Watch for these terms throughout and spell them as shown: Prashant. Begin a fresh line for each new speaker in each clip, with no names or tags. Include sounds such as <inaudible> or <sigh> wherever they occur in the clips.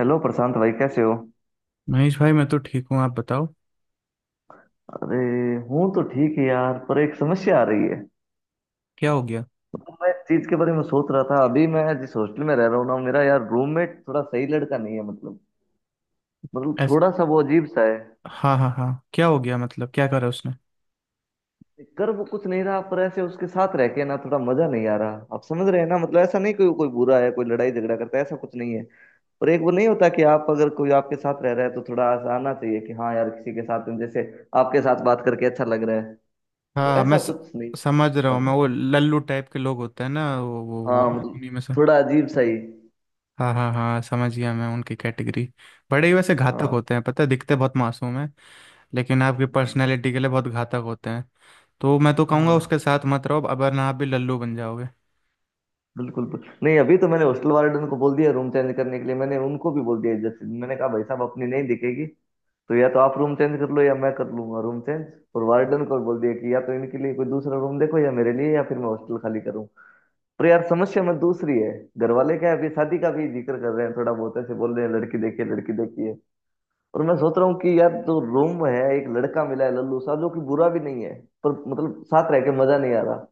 Hello Prashant भाई, कैसे हो?
महेश भाई, मैं तो ठीक हूँ। आप बताओ।
अरे, हूँ तो ठीक है यार। पर एक समस्या आ रही है।
क्या हो गया?
मतलब मैं इस चीज के बारे में सोच रहा था। अभी मैं जिस हॉस्टल में रह रहा हूँ ना, मेरा यार रूममेट थोड़ा सही लड़का नहीं है। मतलब
ऐस
थोड़ा सा वो अजीब सा है।
हाँ हाँ हाँ। क्या हो गया मतलब क्या करा उसने?
कर वो कुछ नहीं रहा, पर ऐसे उसके साथ रह के ना थोड़ा मजा नहीं आ रहा। आप समझ रहे हैं ना? मतलब ऐसा नहीं, कोई कोई बुरा है, कोई लड़ाई झगड़ा करता है, ऐसा कुछ नहीं है। पर एक वो नहीं होता कि आप, अगर कोई आपके साथ रह रहा है तो थोड़ा ऐसा आना चाहिए कि हाँ यार, किसी के साथ जैसे आपके साथ बात करके अच्छा लग रहा है। तो
हाँ,
ऐसा
मैं
कुछ नहीं।
समझ रहा हूँ। मैं, वो लल्लू टाइप के लोग होते हैं ना,
हाँ मतलब,
उन्हीं में से।
थोड़ा अजीब सा ही।
हाँ हाँ हाँ, समझ गया मैं उनकी कैटेगरी। बड़े ही वैसे घातक
हाँ,
होते हैं, पता है? दिखते बहुत मासूम हैं। लेकिन आपकी पर्सनैलिटी के लिए बहुत घातक होते हैं। तो मैं तो कहूँगा,
हाँ।
उसके साथ मत रहो अब, वरना आप भी लल्लू बन जाओगे।
बिल्कुल बिल्कुल। नहीं, अभी तो मैंने हॉस्टल वार्डन को बोल दिया रूम चेंज करने के लिए। मैंने उनको भी बोल दिया, जैसे मैंने कहा भाई साहब, अपनी नहीं दिखेगी तो या तो आप रूम चेंज कर लो या मैं कर लूंगा रूम चेंज। और वार्डन को बोल दिया कि या तो इनके लिए कोई दूसरा रूम देखो या मेरे लिए, या फिर मैं हॉस्टल खाली करूँ। पर यार समस्या में दूसरी है। घर वाले क्या है, अभी शादी का भी जिक्र कर रहे हैं, थोड़ा बहुत ऐसे बोल रहे हैं, लड़की देखिए, लड़की देखिए। और मैं सोच रहा हूँ कि यार जो रोम में है एक लड़का मिला है लल्लू सा, जो कि बुरा भी नहीं है, पर मतलब साथ रह के मजा नहीं आ रहा।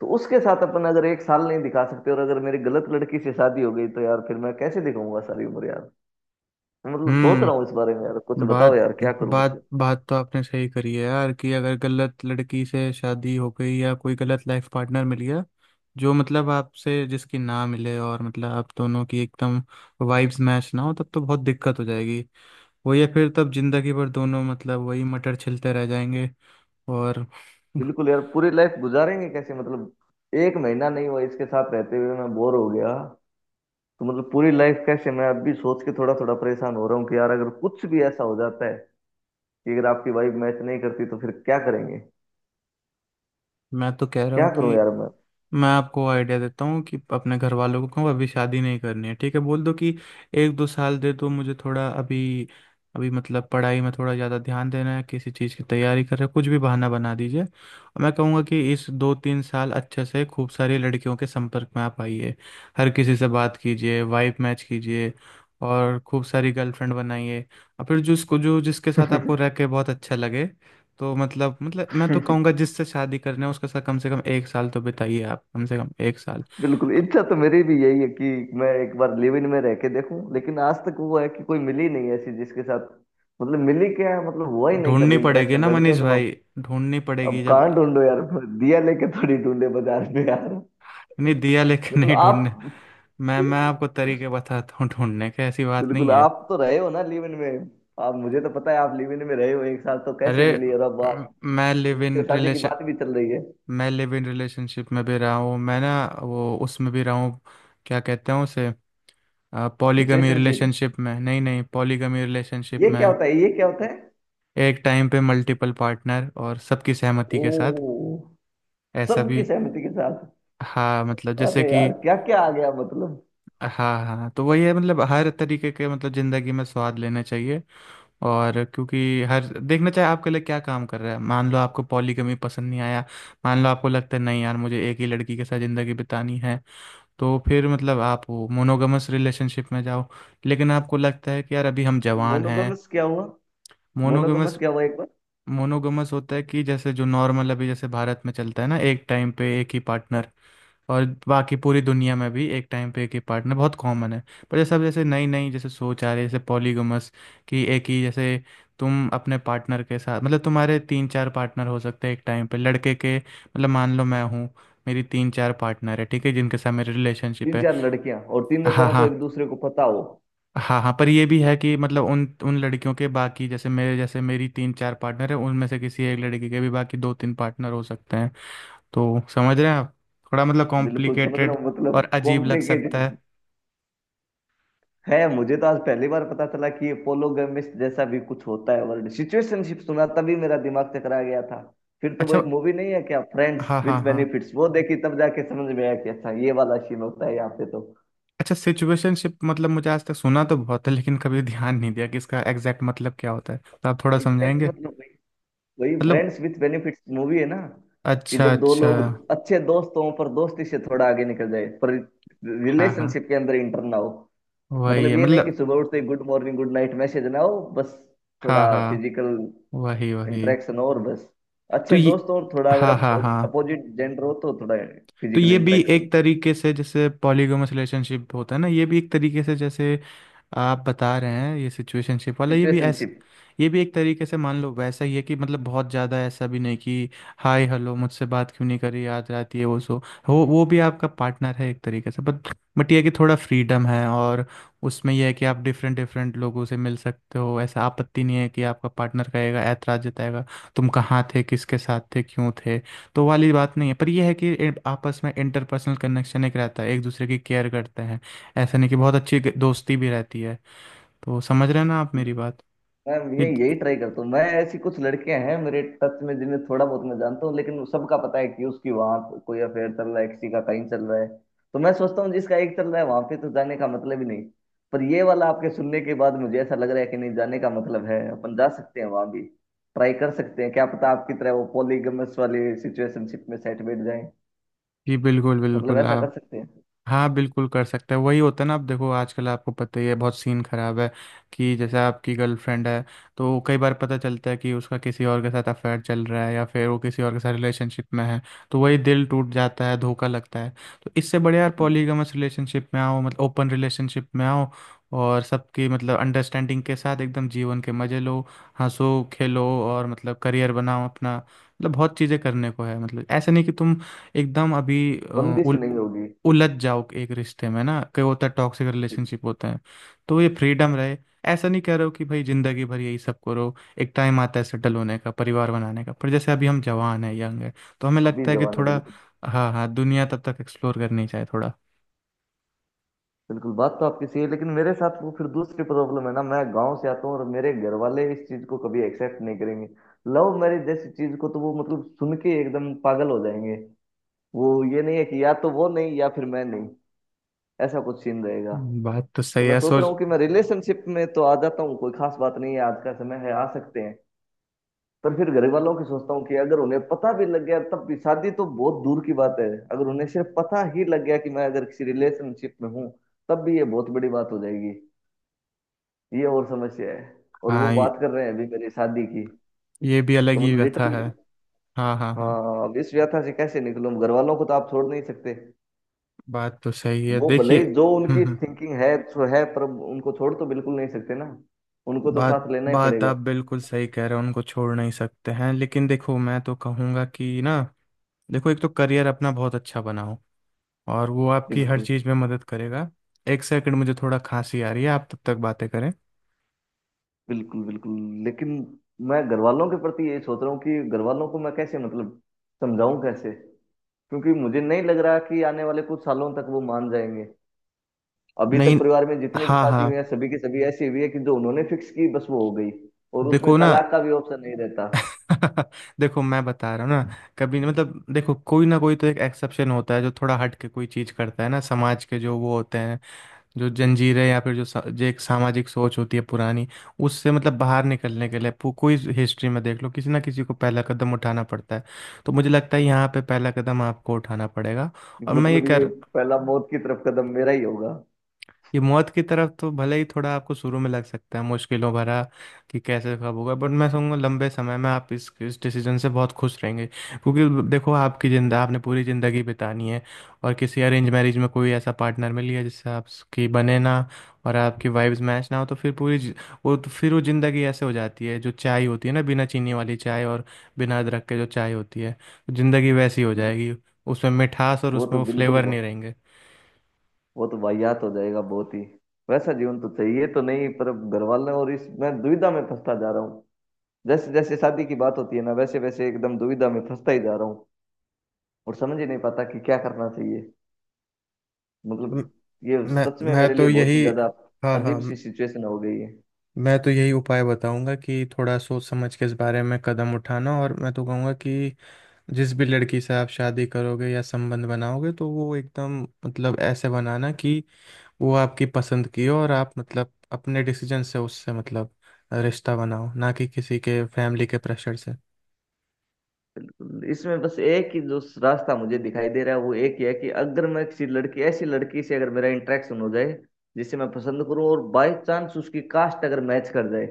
तो उसके साथ अपन अगर एक साल नहीं दिखा सकते, और अगर मेरी गलत लड़की से शादी हो गई तो यार फिर मैं कैसे दिखाऊंगा सारी उम्र यार। मैं मतलब सोच रहा हूँ इस
हम्म
बारे में। यार कुछ बताओ
बात
यार, क्या करूं
बात
मतलब।
बात तो आपने सही करी है यार, कि अगर गलत लड़की से शादी हो गई या कोई गलत लाइफ पार्टनर मिल गया, जो मतलब आपसे जिसकी ना मिले, और मतलब आप दोनों की एकदम वाइब्स मैच ना हो, तब तो बहुत दिक्कत हो जाएगी। वही है फिर तब, जिंदगी भर दोनों मतलब वही मटर छिलते रह जाएंगे, और <laughs>
बिल्कुल यार, पूरी लाइफ गुजारेंगे कैसे मतलब? एक महीना नहीं हुआ इसके साथ रहते हुए मैं बोर हो गया। तो मतलब पूरी लाइफ कैसे? मैं अब भी सोच के थोड़ा थोड़ा परेशान हो रहा हूँ कि यार अगर कुछ भी ऐसा हो जाता है कि अगर आपकी वाइफ मैच नहीं करती तो फिर क्या करेंगे?
मैं तो कह रहा
क्या
हूँ
करूं
कि,
यार मैं?
मैं आपको आइडिया देता हूँ कि अपने घर वालों को कहूँ अभी शादी नहीं करनी है, ठीक है? बोल दो कि 1-2 साल दे दो मुझे थोड़ा अभी। अभी मतलब पढ़ाई में थोड़ा ज़्यादा ध्यान देना है, किसी चीज़ की तैयारी कर रहे हो, कुछ भी बहाना बना दीजिए। और मैं कहूँगा कि इस 2-3 साल अच्छे से खूब सारी लड़कियों के संपर्क में आप आइए। हर किसी से बात कीजिए, वाइब मैच कीजिए, और खूब सारी गर्लफ्रेंड बनाइए। और फिर जिसको जो जिसके साथ आपको रह के बहुत अच्छा लगे, तो मतलब मैं तो कहूंगा जिससे शादी करना है उसके साथ कम से कम एक साल तो बिताइए आप, कम से कम एक साल।
बिल्कुल, इच्छा तो मेरी भी यही है कि मैं एक बार लिव इन में रह के देखूं। लेकिन आज तक वो है कि कोई मिली नहीं ऐसी जिसके साथ, मतलब मिली क्या है, मतलब हुआ ही नहीं कभी
ढूंढनी पड़ेगी
इंटरेक्शन
ना
लड़कियों
मनीष
के माम।
भाई, ढूंढनी
अब
पड़ेगी जब।
कहाँ ढूंढो यार? दिया लेके थोड़ी ढूंढे बाजार में यार।
नहीं, दिया लेकिन
मतलब
नहीं ढूंढने।
आप,
मैं आपको तरीके बताता हूँ ढूंढने के, ऐसी बात
बिल्कुल
नहीं है।
आप तो रहे हो ना लिव इन में। आप, मुझे तो पता है आप लिव इन में रहे हो एक साल। तो कैसे
अरे,
मिली? और अब आप
मैं लिव
उनसे
इन
शादी की
रिलेशन।
बात भी चल रही है।
मैं लिव इन रिलेशनशिप में भी रहा हूँ मैं ना, वो उसमें भी रहा हूँ। क्या कहते हैं उसे? पॉलीगमी
सिचुएशनशिप,
रिलेशनशिप में, नहीं नहीं, पॉलीगमी
ये
रिलेशनशिप
क्या
में।
होता है, ये क्या होता है?
एक टाइम पे मल्टीपल पार्टनर, और सबकी सहमति के साथ।
ओ,
ऐसा
सबकी
भी।
सहमति के साथ।
हाँ मतलब, जैसे
अरे
कि।
यार, क्या क्या आ गया मतलब।
हाँ हाँ, तो वही है मतलब, हर तरीके के मतलब ज़िंदगी में स्वाद लेना चाहिए। और क्योंकि हर देखना चाहे आपके लिए क्या काम कर रहा है, मान लो आपको पॉलीगमी पसंद नहीं आया। मान लो आपको लगता है, नहीं यार मुझे एक ही लड़की के साथ ज़िंदगी बितानी है, तो फिर मतलब आप वो मोनोगमस रिलेशनशिप में जाओ। लेकिन आपको लगता है कि यार अभी हम जवान हैं।
मोनोगमस क्या हुआ? मोनोगमस
मोनोगमस,
क्या हुआ एक बार?
मोनोगमस होता है कि, जैसे जो नॉर्मल अभी जैसे भारत में चलता है ना, एक टाइम पे एक ही पार्टनर। और बाकी पूरी दुनिया में भी एक टाइम पे एक ही पार्टनर बहुत कॉमन है। पर जैसे अब जैसे नई नई जैसे सोच आ रही है, जैसे पॉलीगमस, कि एक ही जैसे, तुम अपने पार्टनर के साथ मतलब तुम्हारे तीन चार पार्टनर हो सकते हैं एक टाइम पे, लड़के के मतलब मान लो मैं हूँ, मेरी तीन चार पार्टनर है, ठीक है, जिनके साथ मेरी रिलेशनशिप
तीन
है।
चार लड़कियां और तीनों
हाँ
तरह को
हाँ।
एक दूसरे को पता हो?
हाँ हाँ, पर ये भी है कि मतलब उन उन लड़कियों के बाकी, जैसे मेरे जैसे मेरी तीन चार पार्टनर है, उनमें से किसी एक लड़की के भी बाकी दो तीन पार्टनर हो सकते हैं। तो समझ रहे हैं आप? थोड़ा मतलब
बिल्कुल समझ रहा
कॉम्प्लिकेटेड
हूँ,
और
मतलब
अजीब लग सकता
कॉम्प्लिकेटेड
है।
है। मुझे तो आज पहली बार पता चला कि ये पोलोगेमिस्ट जैसा भी कुछ होता है। वर्ड सिचुएशनशिप सुना तभी मेरा दिमाग चकरा गया था। फिर तो वो
अच्छा,
एक मूवी नहीं है क्या, फ्रेंड्स
हाँ हाँ
विथ
हाँ।
बेनिफिट्स? वो देखी तब जाके समझ में आया कि अच्छा, ये वाला सीन होता है यहाँ पे तो।
अच्छा, सिचुएशनशिप मतलब, मुझे आज तक सुना तो बहुत है, लेकिन कभी ध्यान नहीं दिया कि इसका एग्जैक्ट मतलब क्या होता है, तो आप थोड़ा
एग्जैक्ट
समझाएंगे?
मतलब, वही
मतलब,
फ्रेंड्स विथ बेनिफिट्स मूवी है ना, कि
अच्छा
जब दो
अच्छा।
लोग अच्छे दोस्त हों, पर दोस्ती से थोड़ा आगे निकल जाए, पर
हाँ हाँ,
रिलेशनशिप के अंदर इंटर ना हो।
वही
मतलब
है
ये नहीं कि
मतलब।
सुबह उठते good morning, good night message ना हो, बस थोड़ा
हाँ हाँ,
फिजिकल
वही वही।
इंटरेक्शन हो और बस,
तो
अच्छे
ये
दोस्त हो और थोड़ा अगर
हाँ हाँ हाँ,
अपोजिट जेंडर हो तो थोड़ा
तो
फिजिकल
ये भी
इंटरेक्शन।
एक तरीके से जैसे पॉलीगैमस रिलेशनशिप होता है ना, ये भी एक तरीके से, जैसे आप बता रहे हैं ये सिचुएशनशिप वाला, ये भी ऐसा,
सिचुएशनशिप।
ये भी एक तरीके से मान लो वैसा ही है, कि मतलब बहुत ज़्यादा ऐसा भी नहीं कि हाय हेलो, मुझससे बात क्यों नहीं करी, याद रात ये वो सो। वो भी आपका पार्टनर है एक तरीके से, बट ये है कि थोड़ा फ्रीडम है, और उसमें यह है कि आप डिफरेंट डिफरेंट लोगों से मिल सकते हो, ऐसा आपत्ति नहीं है कि आपका पार्टनर कहेगा, ऐतराज जताएगा, तुम कहाँ थे, किसके साथ थे, क्यों थे, तो वाली बात नहीं है। पर यह है कि आपस में इंटरपर्सनल कनेक्शन एक रहता है, एक दूसरे की केयर करते हैं, ऐसा नहीं, कि बहुत अच्छी दोस्ती भी रहती है। तो समझ रहे हैं ना आप मेरी बात?
मैं ये
जी
यही ट्राई करता हूँ, मैं ऐसी कुछ लड़कियां हैं मेरे टच में जिन्हें थोड़ा बहुत मैं जानता हूँ, लेकिन सबका पता है कि उसकी वहां कोई अफेयर चल रहा है, किसी का कहीं चल रहा है। तो मैं सोचता हूँ, जिसका एक चल रहा है वहां पे तो जाने का मतलब ही नहीं। पर ये वाला आपके सुनने के बाद मुझे ऐसा लग रहा है कि नहीं, जाने का मतलब है, अपन जा सकते हैं वहां भी। ट्राई कर सकते हैं, क्या पता आपकी तरह वो पॉलीगमस वाली सिचुएशनशिप में सेट बैठ जाए।
जी, बिल्कुल
मतलब
बिल्कुल
ऐसा कर
आप।
सकते हैं।
हाँ बिल्कुल कर सकते हैं, वही होता है ना। आप देखो, आजकल आपको पता ही है, बहुत सीन खराब है, कि जैसे आपकी गर्लफ्रेंड है, तो कई बार पता चलता है कि उसका किसी और के साथ अफेयर चल रहा है, या फिर वो किसी और के साथ रिलेशनशिप में है। तो वही दिल टूट जाता है, धोखा लगता है। तो इससे बढ़िया यार,
बिल्कुल।
पॉलीगमस रिलेशनशिप में आओ, मतलब ओपन रिलेशनशिप में आओ। और सबकी मतलब अंडरस्टैंडिंग के साथ एकदम जीवन के मजे लो। हंसो खेलो, और मतलब करियर बनाओ अपना, मतलब बहुत चीज़ें करने को है, मतलब ऐसा नहीं कि तुम एकदम अभी
बंदिश नहीं होगी।
उलझ जाओ एक रिश्ते में ना, कई होता है, टॉक्सिक
बिल्कुल।
रिलेशनशिप होते हैं। तो ये फ्रीडम रहे। ऐसा नहीं कह रहे हो कि भाई जिंदगी भर यही सब करो। एक टाइम आता है सेटल होने का, परिवार बनाने का, पर जैसे अभी हम जवान है, यंग है, तो हमें
अभी
लगता है कि
जवान है
थोड़ा।
बिल्कुल।
हाँ हाँ, दुनिया तब तक एक्सप्लोर करनी चाहिए थोड़ा।
बिल्कुल बात तो आपकी सही है, लेकिन मेरे साथ वो फिर दूसरी प्रॉब्लम है ना, मैं गांव से आता हूँ, और मेरे घर वाले इस चीज को कभी एक्सेप्ट नहीं करेंगे। लव मैरिज जैसी चीज को तो वो मतलब सुन के एकदम पागल हो जाएंगे। वो, ये नहीं है कि या तो वो नहीं या फिर मैं नहीं, ऐसा कुछ सीन रहेगा।
बात तो
तो
सही
मैं
है,
सोच रहा
सोच।
हूँ कि मैं रिलेशनशिप में तो आ जाता हूँ, कोई खास बात नहीं है, आज का समय है, आ सकते हैं। पर फिर घर वालों की सोचता हूँ कि अगर उन्हें पता भी लग गया तब भी शादी तो बहुत दूर की बात है। अगर उन्हें सिर्फ पता ही लग गया कि मैं अगर किसी रिलेशनशिप में हूँ, तब भी ये बहुत बड़ी बात हो जाएगी। ये और समस्या है। और वो
हाँ, ये
बात कर रहे हैं अभी मेरी शादी की।
ये भी अलग
तो
ही
मतलब
व्यथा
लिटरली,
है। हाँ हाँ हाँ,
हाँ। अब इस व्यथा से कैसे निकलूं? घर वालों को तो आप छोड़ नहीं सकते।
बात तो सही है,
वो भले
देखिए।
ही जो
हम्म
उनकी
हम्म,
थिंकिंग है सो है, पर उनको छोड़ तो बिल्कुल नहीं सकते ना। उनको तो
बात
साथ लेना ही
बात
पड़ेगा।
आप बिल्कुल सही कह रहे हो, उनको छोड़ नहीं सकते हैं, लेकिन देखो, मैं तो कहूँगा कि ना, देखो एक तो करियर अपना बहुत अच्छा बनाओ, और वो आपकी हर
बिल्कुल
चीज़ में मदद करेगा। एक सेकंड, मुझे थोड़ा खांसी आ रही है, आप तब तक बातें करें।
बिल्कुल। बिल्कुल। लेकिन मैं घर वालों के प्रति ये सोच रहा हूँ कि घर वालों को मैं कैसे मतलब समझाऊं कैसे? क्योंकि मुझे नहीं लग रहा कि आने वाले कुछ सालों तक वो मान जाएंगे। अभी तक
नहीं,
परिवार में जितनी भी
हाँ
शादी हुई
हाँ,
है, सभी की सभी ऐसी हुई है कि जो उन्होंने फिक्स की बस वो हो गई। और उसमें
देखो ना।
तलाक का भी ऑप्शन नहीं रहता।
<laughs> देखो, मैं बता रहा हूँ ना, कभी नहीं मतलब, देखो कोई ना कोई तो एक एक्सेप्शन होता है जो थोड़ा हट के कोई चीज़ करता है ना, समाज के जो वो होते हैं, जो जंजीरें या फिर जो, जो एक सामाजिक सोच होती है पुरानी, उससे मतलब बाहर निकलने के लिए कोई हिस्ट्री में देख लो, किसी ना किसी को पहला कदम उठाना पड़ता है। तो मुझे लगता है यहाँ पे पहला कदम आपको उठाना पड़ेगा। और मैं ये
मतलब ये
कर,
पहला मौत की तरफ कदम मेरा ही होगा।
ये मौत की तरफ तो भले ही थोड़ा आपको शुरू में लग सकता है मुश्किलों भरा, कि कैसे कब होगा, बट मैं कहूँगा लंबे समय में आप इस डिसीजन से बहुत खुश रहेंगे। क्योंकि देखो, आपकी जिंदा आपने पूरी ज़िंदगी बितानी है, और किसी अरेंज मैरिज में कोई ऐसा पार्टनर मिल गया जिससे आपकी बने ना, और आपकी वाइब्स मैच ना हो, तो फिर पूरी वो तो फिर वो ज़िंदगी ऐसे हो जाती है, जो चाय होती है ना, बिना चीनी वाली चाय, और बिना अदरक के जो चाय होती है, तो ज़िंदगी वैसी हो
बिल्कुल।
जाएगी। उसमें मिठास, और
वो तो
उसमें वो
बिल्कुल
फ्लेवर नहीं
वो,
रहेंगे।
वो तो वाहियात हो जाएगा बहुत ही। वैसा जीवन तो चाहिए तो नहीं, पर अब घर वाले और इस, मैं दुविधा में फंसता जा रहा हूँ। जैसे जैसे शादी की बात होती है ना, वैसे वैसे एकदम दुविधा में फंसता ही जा रहा हूँ। और समझ ही नहीं पाता कि क्या करना चाहिए। मतलब ये
मैं
सच में
मैं
मेरे लिए
तो
बहुत ही
यही
ज्यादा
हाँ हाँ,
अजीब सी सिचुएशन हो गई है।
मैं तो यही उपाय बताऊंगा, कि थोड़ा सोच समझ के इस बारे में कदम उठाना, और मैं तो कहूँगा कि जिस भी लड़की से आप शादी करोगे या संबंध बनाओगे, तो वो एकदम मतलब ऐसे बनाना कि वो आपकी पसंद की हो, और आप मतलब अपने डिसीजन से उससे मतलब रिश्ता बनाओ, ना कि किसी के फैमिली के प्रेशर से।
इसमें बस एक ही जो रास्ता मुझे दिखाई दे रहा है, वो एक ही है कि अगर मैं किसी लड़की, ऐसी लड़की से अगर मेरा इंटरेक्शन हो जाए जिसे मैं पसंद करूं, और बाय चांस उसकी कास्ट अगर मैच कर जाए,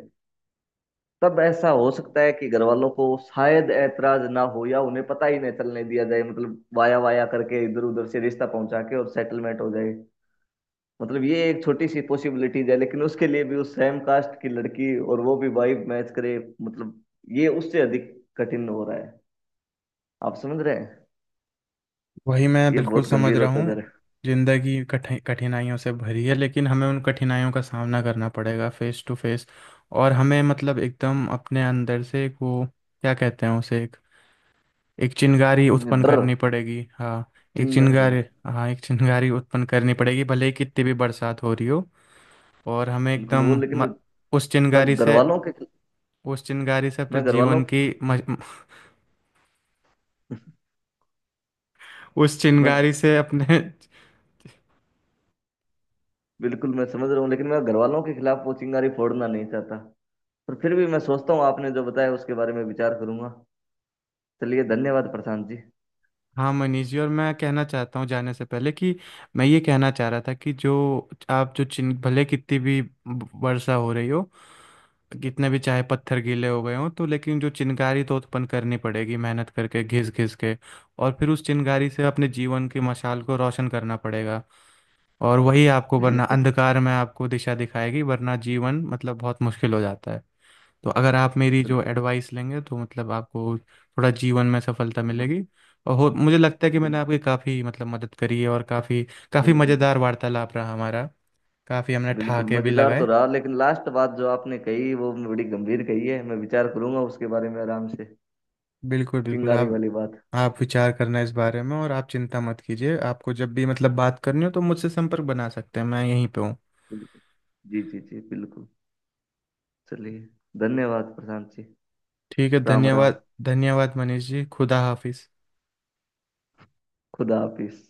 तब ऐसा हो सकता है कि घर वालों को शायद ऐतराज ना हो या उन्हें पता ही नहीं चलने दिया जाए। मतलब वाया वाया करके इधर उधर से रिश्ता पहुंचा के और सेटलमेंट हो जाए। मतलब ये एक छोटी सी पॉसिबिलिटीज है, लेकिन उसके लिए भी उस सेम कास्ट की लड़की, और वो भी वाइब मैच करे, मतलब ये उससे अधिक कठिन हो रहा है। आप समझ रहे हैं?
वही मैं
ये
बिल्कुल
बहुत
समझ
गंभीर
रहा
होता जा
हूँ।
रहा
जिंदगी कठिनाइयों से भरी है, लेकिन हमें उन कठिनाइयों का सामना करना पड़ेगा फेस टू फेस। और हमें मतलब एकदम अपने अंदर से एक वो, क्या कहते हैं उसे, एक एक चिंगारी
है
उत्पन्न
जरा, डर।
करनी पड़ेगी। हाँ, एक
चिंगारी।
चिंगारी। हाँ, एक चिंगारी उत्पन्न करनी पड़ेगी, भले ही कितनी भी बरसात हो रही हो। और हमें
बिल्कुल वो
एकदम
लेकिन,
उस
मैं
चिंगारी
घर
से,
वालों के
उस चिंगारी से अपने
मैं घर वालों
जीवन की उस
मैं
चिंगारी से अपने।
बिल्कुल, मैं समझ रहा हूँ, लेकिन मैं घर वालों के खिलाफ वो चिंगारी फोड़ना नहीं चाहता। पर फिर भी मैं सोचता हूँ आपने जो बताया उसके बारे में विचार करूंगा। चलिए, धन्यवाद प्रशांत जी।
हाँ मनीष जी, और मैं कहना चाहता हूँ जाने से पहले कि, मैं ये कहना चाह रहा था कि जो आप, जो चिन भले कितनी भी वर्षा हो रही हो, कितने भी चाहे पत्थर गीले हो गए हों तो, लेकिन जो चिनगारी तो उत्पन्न करनी पड़ेगी, मेहनत करके, घिस घिस के, और फिर उस चिनगारी से अपने जीवन की मशाल को रोशन करना पड़ेगा, और वही आपको, वरना
बिल्कुल।
अंधकार में आपको दिशा दिखाएगी, वरना जीवन मतलब बहुत मुश्किल हो जाता है। तो अगर आप मेरी जो
बिल्कुल।
एडवाइस लेंगे, तो मतलब आपको थोड़ा जीवन में सफलता
बिल्कुल।
मिलेगी। और हो, मुझे लगता है कि मैंने
बिल्कुल।
आपकी काफ़ी मतलब मदद करी है, और काफ़ी, काफ़ी
बिल्कुल।
मज़ेदार वार्तालाप रहा हमारा, काफ़ी हमने
बिल्कुल
ठहाके भी
मजेदार तो
लगाए।
रहा, लेकिन लास्ट बात जो आपने कही वो बड़ी गंभीर कही है, मैं विचार करूंगा उसके बारे में आराम से।
बिल्कुल बिल्कुल,
चिंगारी
आप
वाली बात।
आप विचार करना इस बारे में, और आप चिंता मत कीजिए, आपको जब भी मतलब बात करनी हो तो मुझसे संपर्क बना सकते हैं, मैं यहीं पे हूँ।
बिल्कुल। जी जी जी, बिल्कुल। चलिए, धन्यवाद प्रशांत जी।
ठीक है,
राम राम।
धन्यवाद। धन्यवाद मनीष जी, खुदा हाफिज़।
खुदा हाफिज।